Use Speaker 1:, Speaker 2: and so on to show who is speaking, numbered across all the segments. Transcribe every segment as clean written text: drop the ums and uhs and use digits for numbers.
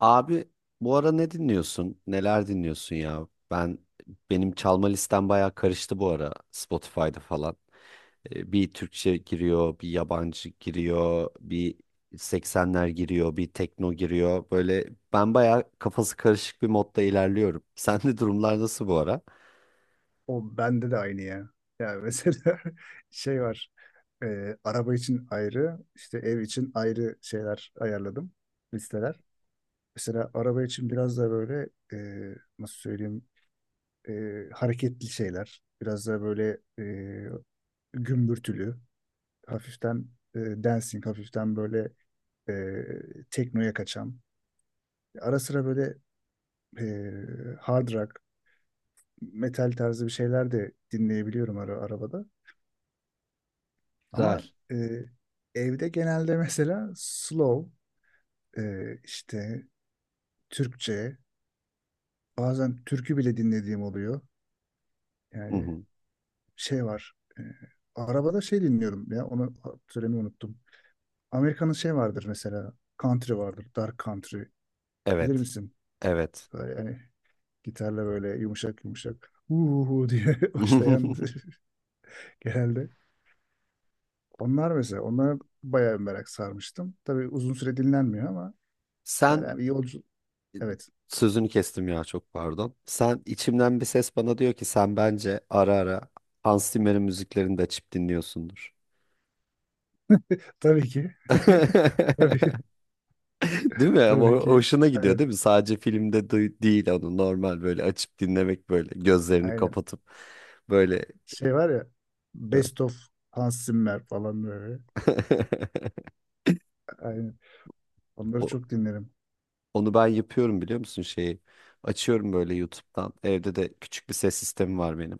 Speaker 1: Abi, bu ara ne dinliyorsun? Neler dinliyorsun ya? Benim çalma listem bayağı karıştı bu ara Spotify'da falan. Bir Türkçe giriyor, bir yabancı giriyor, bir 80'ler giriyor, bir tekno giriyor. Böyle ben bayağı kafası karışık bir modda ilerliyorum. Sende durumlar nasıl bu ara?
Speaker 2: O bende de aynı ya. Ya mesela şey var. Araba için ayrı, işte ev için ayrı şeyler ayarladım. Listeler. Mesela araba için biraz da böyle nasıl söyleyeyim, hareketli şeyler. Biraz da böyle gümbürtülü. Hafiften e, dancing, hafiften böyle teknoya kaçan. Ara sıra böyle e, hard rock, metal tarzı bir şeyler de dinleyebiliyorum arabada.
Speaker 1: Güzel.
Speaker 2: Ama e, evde genelde mesela slow, işte Türkçe, bazen türkü bile dinlediğim oluyor.
Speaker 1: Hı
Speaker 2: Yani
Speaker 1: hı.
Speaker 2: şey var, e, arabada şey dinliyorum ya, onu söylemeyi unuttum. Amerika'nın şey vardır mesela, country vardır, dark country, bilir
Speaker 1: Evet.
Speaker 2: misin?
Speaker 1: Evet.
Speaker 2: Böyle yani gitarla böyle yumuşak yumuşak uhu diye başlayan genelde. Onlar mesela, onlara bayağı merak sarmıştım. Tabii uzun süre dinlenmiyor ama böyle
Speaker 1: Sen
Speaker 2: bir yolcu. Evet.
Speaker 1: Sözünü kestim ya, çok pardon. Sen, içimden bir ses bana diyor ki sen bence ara ara Hans Zimmer'in müziklerini de açıp dinliyorsundur.
Speaker 2: Tabii ki. Tabii ki.
Speaker 1: Değil mi? Ama
Speaker 2: Tabii ki.
Speaker 1: hoşuna gidiyor
Speaker 2: Aynen.
Speaker 1: değil mi? Sadece filmde değil, onu normal böyle açıp dinlemek, böyle gözlerini
Speaker 2: Aynen.
Speaker 1: kapatıp böyle.
Speaker 2: Şey var ya, Best of Hans Zimmer falan böyle. Aynen. Onları
Speaker 1: O-
Speaker 2: çok dinlerim.
Speaker 1: Onu ben yapıyorum, biliyor musun şeyi? Açıyorum böyle YouTube'dan. Evde de küçük bir ses sistemi var benim.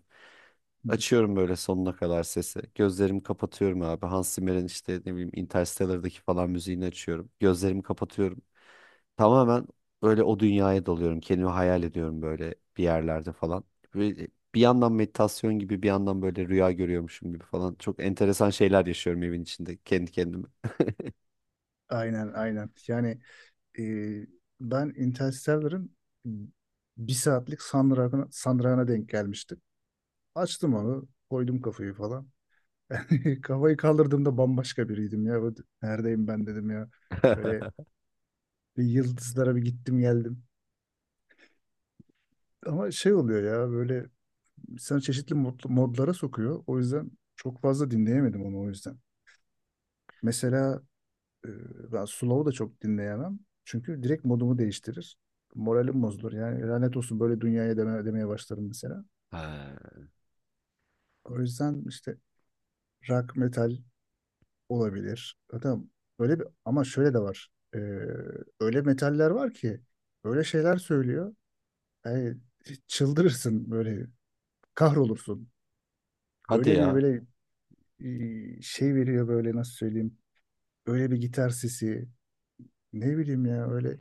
Speaker 2: Hı hı.
Speaker 1: Açıyorum böyle sonuna kadar sesi. Gözlerimi kapatıyorum abi. Hans Zimmer'in işte ne bileyim Interstellar'daki falan müziğini açıyorum. Gözlerimi kapatıyorum. Tamamen böyle o dünyaya dalıyorum. Kendimi hayal ediyorum böyle bir yerlerde falan. Ve bir yandan meditasyon gibi, bir yandan böyle rüya görüyormuşum gibi falan. Çok enteresan şeyler yaşıyorum evin içinde kendi kendime.
Speaker 2: Aynen aynen. Yani e, ben Interstellar'ın bir saatlik sandragına denk gelmiştim. Açtım onu. Koydum kafayı falan. Kafayı kaldırdığımda bambaşka biriydim ya. Böyle, neredeyim ben dedim ya. Böyle bir, yıldızlara bir gittim geldim. Ama şey oluyor ya böyle, sana çeşitli modlara sokuyor. O yüzden çok fazla dinleyemedim onu o yüzden. Mesela e, ben Slow'u da çok dinleyemem. Çünkü direkt modumu değiştirir. Moralim bozulur. Yani lanet olsun böyle dünyaya demeye başlarım mesela.
Speaker 1: Ha.
Speaker 2: O yüzden işte rock metal olabilir. Zaten böyle bir, ama şöyle de var. E, Öyle metaller var ki öyle şeyler söylüyor. Yani çıldırırsın böyle, kahrolursun.
Speaker 1: Hadi
Speaker 2: Öyle bir
Speaker 1: ya.
Speaker 2: böyle şey veriyor böyle, nasıl söyleyeyim, öyle bir gitar sesi, ne bileyim ya, öyle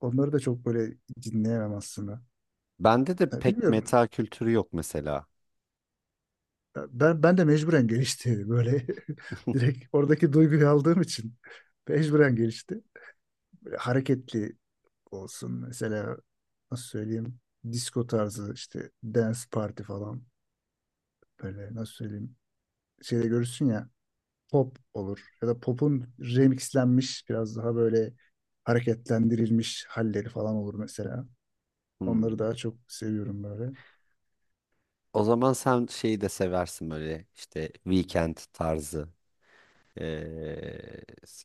Speaker 2: onları da çok böyle dinleyemem aslında.
Speaker 1: Bende de
Speaker 2: Ya
Speaker 1: pek
Speaker 2: bilmiyorum.
Speaker 1: meta kültürü yok mesela.
Speaker 2: Ya ben de mecburen gelişti böyle, direkt oradaki duyguyu aldığım için mecburen gelişti. Böyle hareketli olsun mesela, nasıl söyleyeyim, disco tarzı işte dance party falan, böyle nasıl söyleyeyim, şeyde görürsün ya, pop olur ya da pop'un remixlenmiş biraz daha böyle hareketlendirilmiş halleri falan olur mesela. Onları
Speaker 1: Hmm.
Speaker 2: daha çok seviyorum böyle.
Speaker 1: O zaman sen şeyi de seversin, böyle işte weekend tarzı. Ee,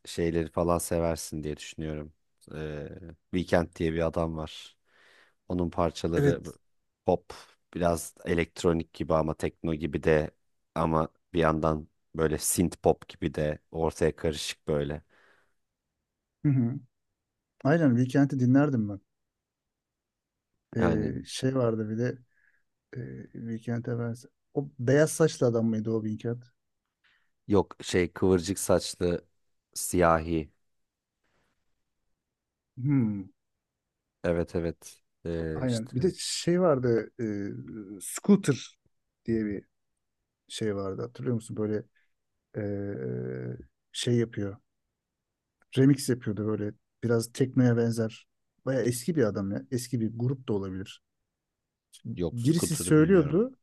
Speaker 1: şeyleri falan seversin diye düşünüyorum. Ee, Weekend diye bir adam var. Onun parçaları
Speaker 2: Evet.
Speaker 1: pop, biraz elektronik gibi ama tekno gibi de, ama bir yandan böyle synth pop gibi de, ortaya karışık böyle.
Speaker 2: Hı hı. Aynen, Weekend'i dinlerdim ben.
Speaker 1: Yani
Speaker 2: Şey vardı bir de, e, Weekend'e ben... O beyaz saçlı adam mıydı o Weekend?
Speaker 1: yok, şey, kıvırcık saçlı siyahi.
Speaker 2: Hmm.
Speaker 1: Evet evet.
Speaker 2: Aynen. Bir de şey vardı, Scooter diye bir şey vardı. Hatırlıyor musun? Böyle e, şey yapıyor. Remix yapıyordu böyle. Biraz teknoya benzer. Baya eski bir adam ya. Eski bir grup da olabilir.
Speaker 1: Yok,
Speaker 2: Birisi
Speaker 1: Scooter'ı bilmiyorum.
Speaker 2: söylüyordu.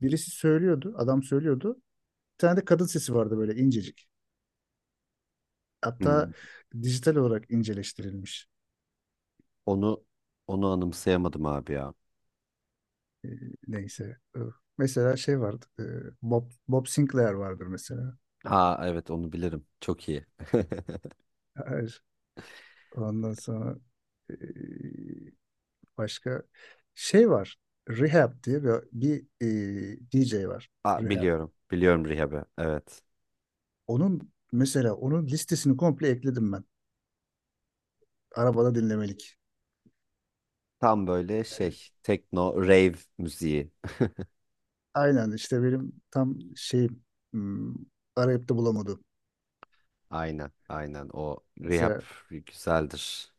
Speaker 2: Birisi söylüyordu. Adam söylüyordu. Bir tane de kadın sesi vardı böyle incecik. Hatta
Speaker 1: Hmm.
Speaker 2: dijital olarak inceleştirilmiş.
Speaker 1: Onu onu anımsayamadım abi ya.
Speaker 2: E, Neyse. Mesela şey vardı. Bob Sinclair vardır mesela.
Speaker 1: Ha evet onu bilirim. Çok iyi.
Speaker 2: Hayır. Ondan sonra e, başka şey var. Rehab diye bir DJ var.
Speaker 1: Aa,
Speaker 2: Rehab.
Speaker 1: biliyorum. Biliyorum Rehab'ı. Evet.
Speaker 2: Onun mesela, onun listesini komple ekledim ben. Arabada dinlemelik.
Speaker 1: Tam böyle şey, tekno rave müziği.
Speaker 2: Aynen işte benim tam şeyim. hmm, Arayıp da bulamadım.
Speaker 1: Aynen. Aynen. O Rehab
Speaker 2: Mesela
Speaker 1: güzeldir.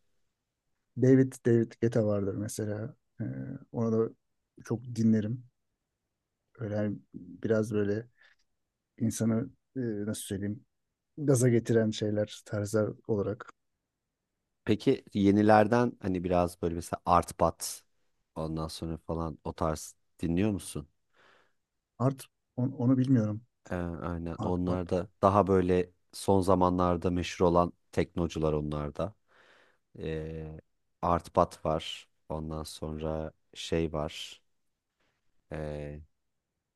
Speaker 2: David Guetta vardır mesela. Ona da çok dinlerim. Öyle hani biraz böyle insanı, nasıl söyleyeyim, gaza getiren şeyler, tarzlar olarak.
Speaker 1: Peki yenilerden hani biraz böyle mesela Art Bat, ondan sonra falan, o tarz dinliyor musun?
Speaker 2: Art onu bilmiyorum.
Speaker 1: Aynen.
Speaker 2: Art
Speaker 1: Onlar
Speaker 2: pop.
Speaker 1: da daha böyle son zamanlarda meşhur olan teknocular onlar da. Ee, Art Bat var. Ondan sonra şey var.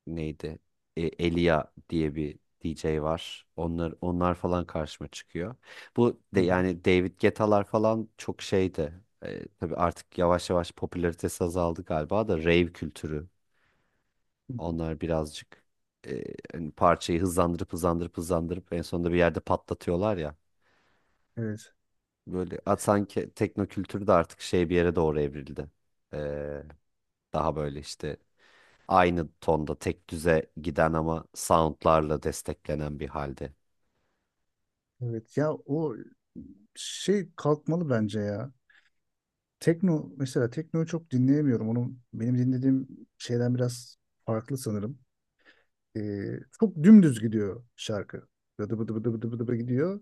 Speaker 1: Neydi? E, Elia diye bir DJ var. Onlar falan karşıma çıkıyor. Bu de
Speaker 2: Hı hı.
Speaker 1: yani David Guetta'lar falan çok şeydi. E, tabii artık yavaş yavaş popülaritesi azaldı galiba da rave kültürü. Onlar birazcık e, hani parçayı hızlandırıp hızlandırıp hızlandırıp en sonunda bir yerde patlatıyorlar ya.
Speaker 2: Evet.
Speaker 1: Böyle at, sanki tekno kültürü de artık şey, bir yere doğru evrildi. E, daha böyle işte aynı tonda tek düze giden ama soundlarla desteklenen bir halde.
Speaker 2: Evet ya, o şey kalkmalı bence ya. Tekno, mesela teknoyu çok dinleyemiyorum. Onu benim dinlediğim şeyden biraz farklı sanırım. Çok dümdüz gidiyor şarkı. Bıdı bıdı bıdı bıdı bıdı bıdı gidiyor.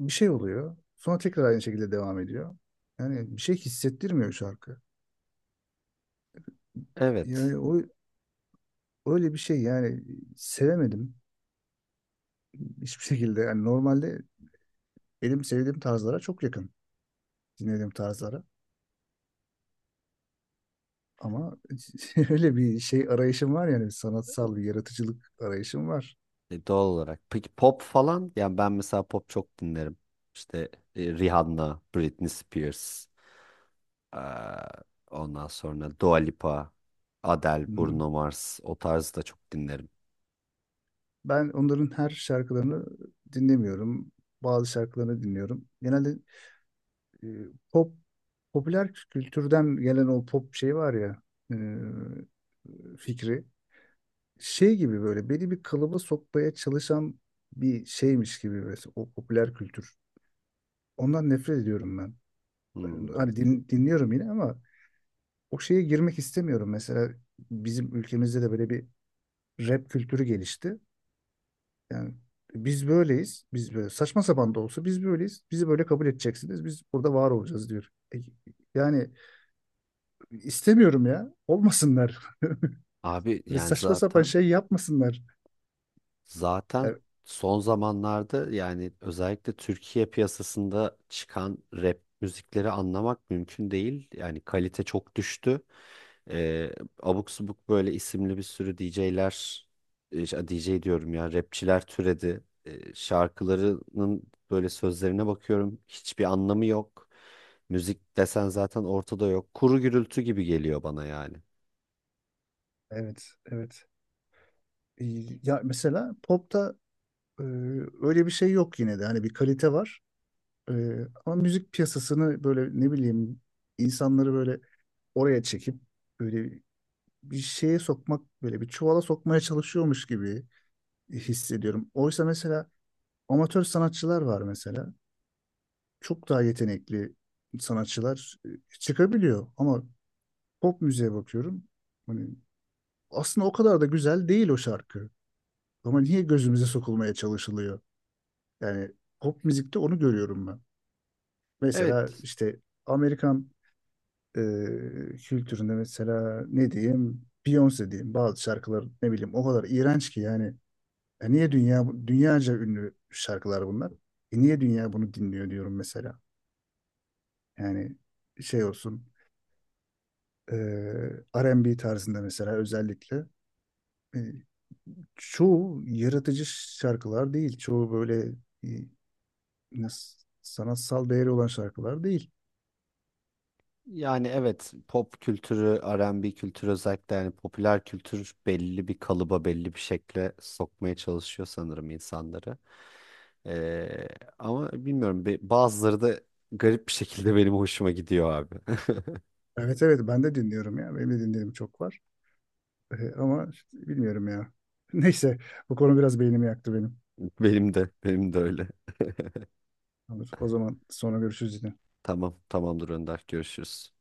Speaker 2: Bir şey oluyor. Sonra tekrar aynı şekilde devam ediyor. Yani bir şey hissettirmiyor şarkı.
Speaker 1: Evet.
Speaker 2: Yani o öyle bir şey yani, sevemedim hiçbir şekilde. Yani normalde benim sevdiğim tarzlara çok yakın, dinlediğim tarzlara. Ama öyle bir şey arayışım var, yani sanatsal bir yaratıcılık arayışım var.
Speaker 1: E, doğal olarak. Peki pop falan? Yani ben mesela pop çok dinlerim. İşte e, Rihanna, Britney Spears, eee, ondan sonra Dua Lipa, Adele,
Speaker 2: Hı hı.
Speaker 1: Bruno Mars, o tarzı da çok dinlerim.
Speaker 2: Ben onların her şarkılarını dinlemiyorum. Bazı şarkılarını dinliyorum. Genelde e, pop, popüler kültürden gelen o pop şey var ya, e, fikri şey gibi, böyle beni bir kalıba sokmaya çalışan bir şeymiş gibi mesela o popüler kültür. Ondan nefret ediyorum ben.
Speaker 1: Hmm.
Speaker 2: Hani dinliyorum yine ama o şeye girmek istemiyorum. Mesela bizim ülkemizde de böyle bir rap kültürü gelişti. Yani biz böyleyiz. Biz böyle saçma sapan da olsa biz böyleyiz. Bizi böyle kabul edeceksiniz. Biz burada var olacağız diyor. Yani İstemiyorum ya. Olmasınlar.
Speaker 1: Abi
Speaker 2: Böyle
Speaker 1: yani
Speaker 2: saçma sapan
Speaker 1: zaten
Speaker 2: şey yapmasınlar.
Speaker 1: Zaten
Speaker 2: Ya,
Speaker 1: son zamanlarda, yani özellikle Türkiye piyasasında çıkan rap müzikleri anlamak mümkün değil. Yani kalite çok düştü. Ee, abuk subuk böyle isimli bir sürü DJ'ler, DJ diyorum ya, rapçiler türedi. Şarkılarının böyle sözlerine bakıyorum, hiçbir anlamı yok. Müzik desen zaten ortada yok. Kuru gürültü gibi geliyor bana yani.
Speaker 2: evet, evet. Ee, Ya mesela popta e, öyle bir şey yok yine de. Hani bir kalite var. Ama müzik piyasasını böyle, ne bileyim, insanları böyle oraya çekip böyle bir şeye sokmak, böyle bir çuvala sokmaya çalışıyormuş gibi hissediyorum. Oysa mesela amatör sanatçılar var mesela. Çok daha yetenekli sanatçılar çıkabiliyor, ama pop müziğe bakıyorum. Hani aslında o kadar da güzel değil o şarkı. Ama niye gözümüze sokulmaya çalışılıyor? Yani pop müzikte onu görüyorum ben. Mesela
Speaker 1: Evet.
Speaker 2: işte Amerikan e, kültüründe mesela, ne diyeyim, Beyoncé diyeyim, bazı şarkılar ne bileyim o kadar iğrenç ki yani. E niye dünya, dünyaca ünlü şarkılar bunlar? E niye dünya bunu dinliyor diyorum mesela. Yani şey olsun, e, R&B tarzında mesela, özellikle e, çoğu yaratıcı şarkılar değil. Çoğu böyle e, Ne- sanatsal değeri olan şarkılar değil.
Speaker 1: Yani evet, pop kültürü, R&B kültürü, özellikle yani popüler kültür belli bir kalıba, belli bir şekle sokmaya çalışıyor sanırım insanları. Ee, ama bilmiyorum, bazıları da garip bir şekilde benim hoşuma gidiyor abi.
Speaker 2: Evet evet, ben de dinliyorum ya. Benim de dinlediğim çok var. Ama işte bilmiyorum ya. Neyse, bu konu biraz beynimi yaktı benim.
Speaker 1: Benim de, benim de öyle.
Speaker 2: Olur, o zaman sonra görüşürüz yine.
Speaker 1: Tamam, tamamdır Önder. Görüşürüz.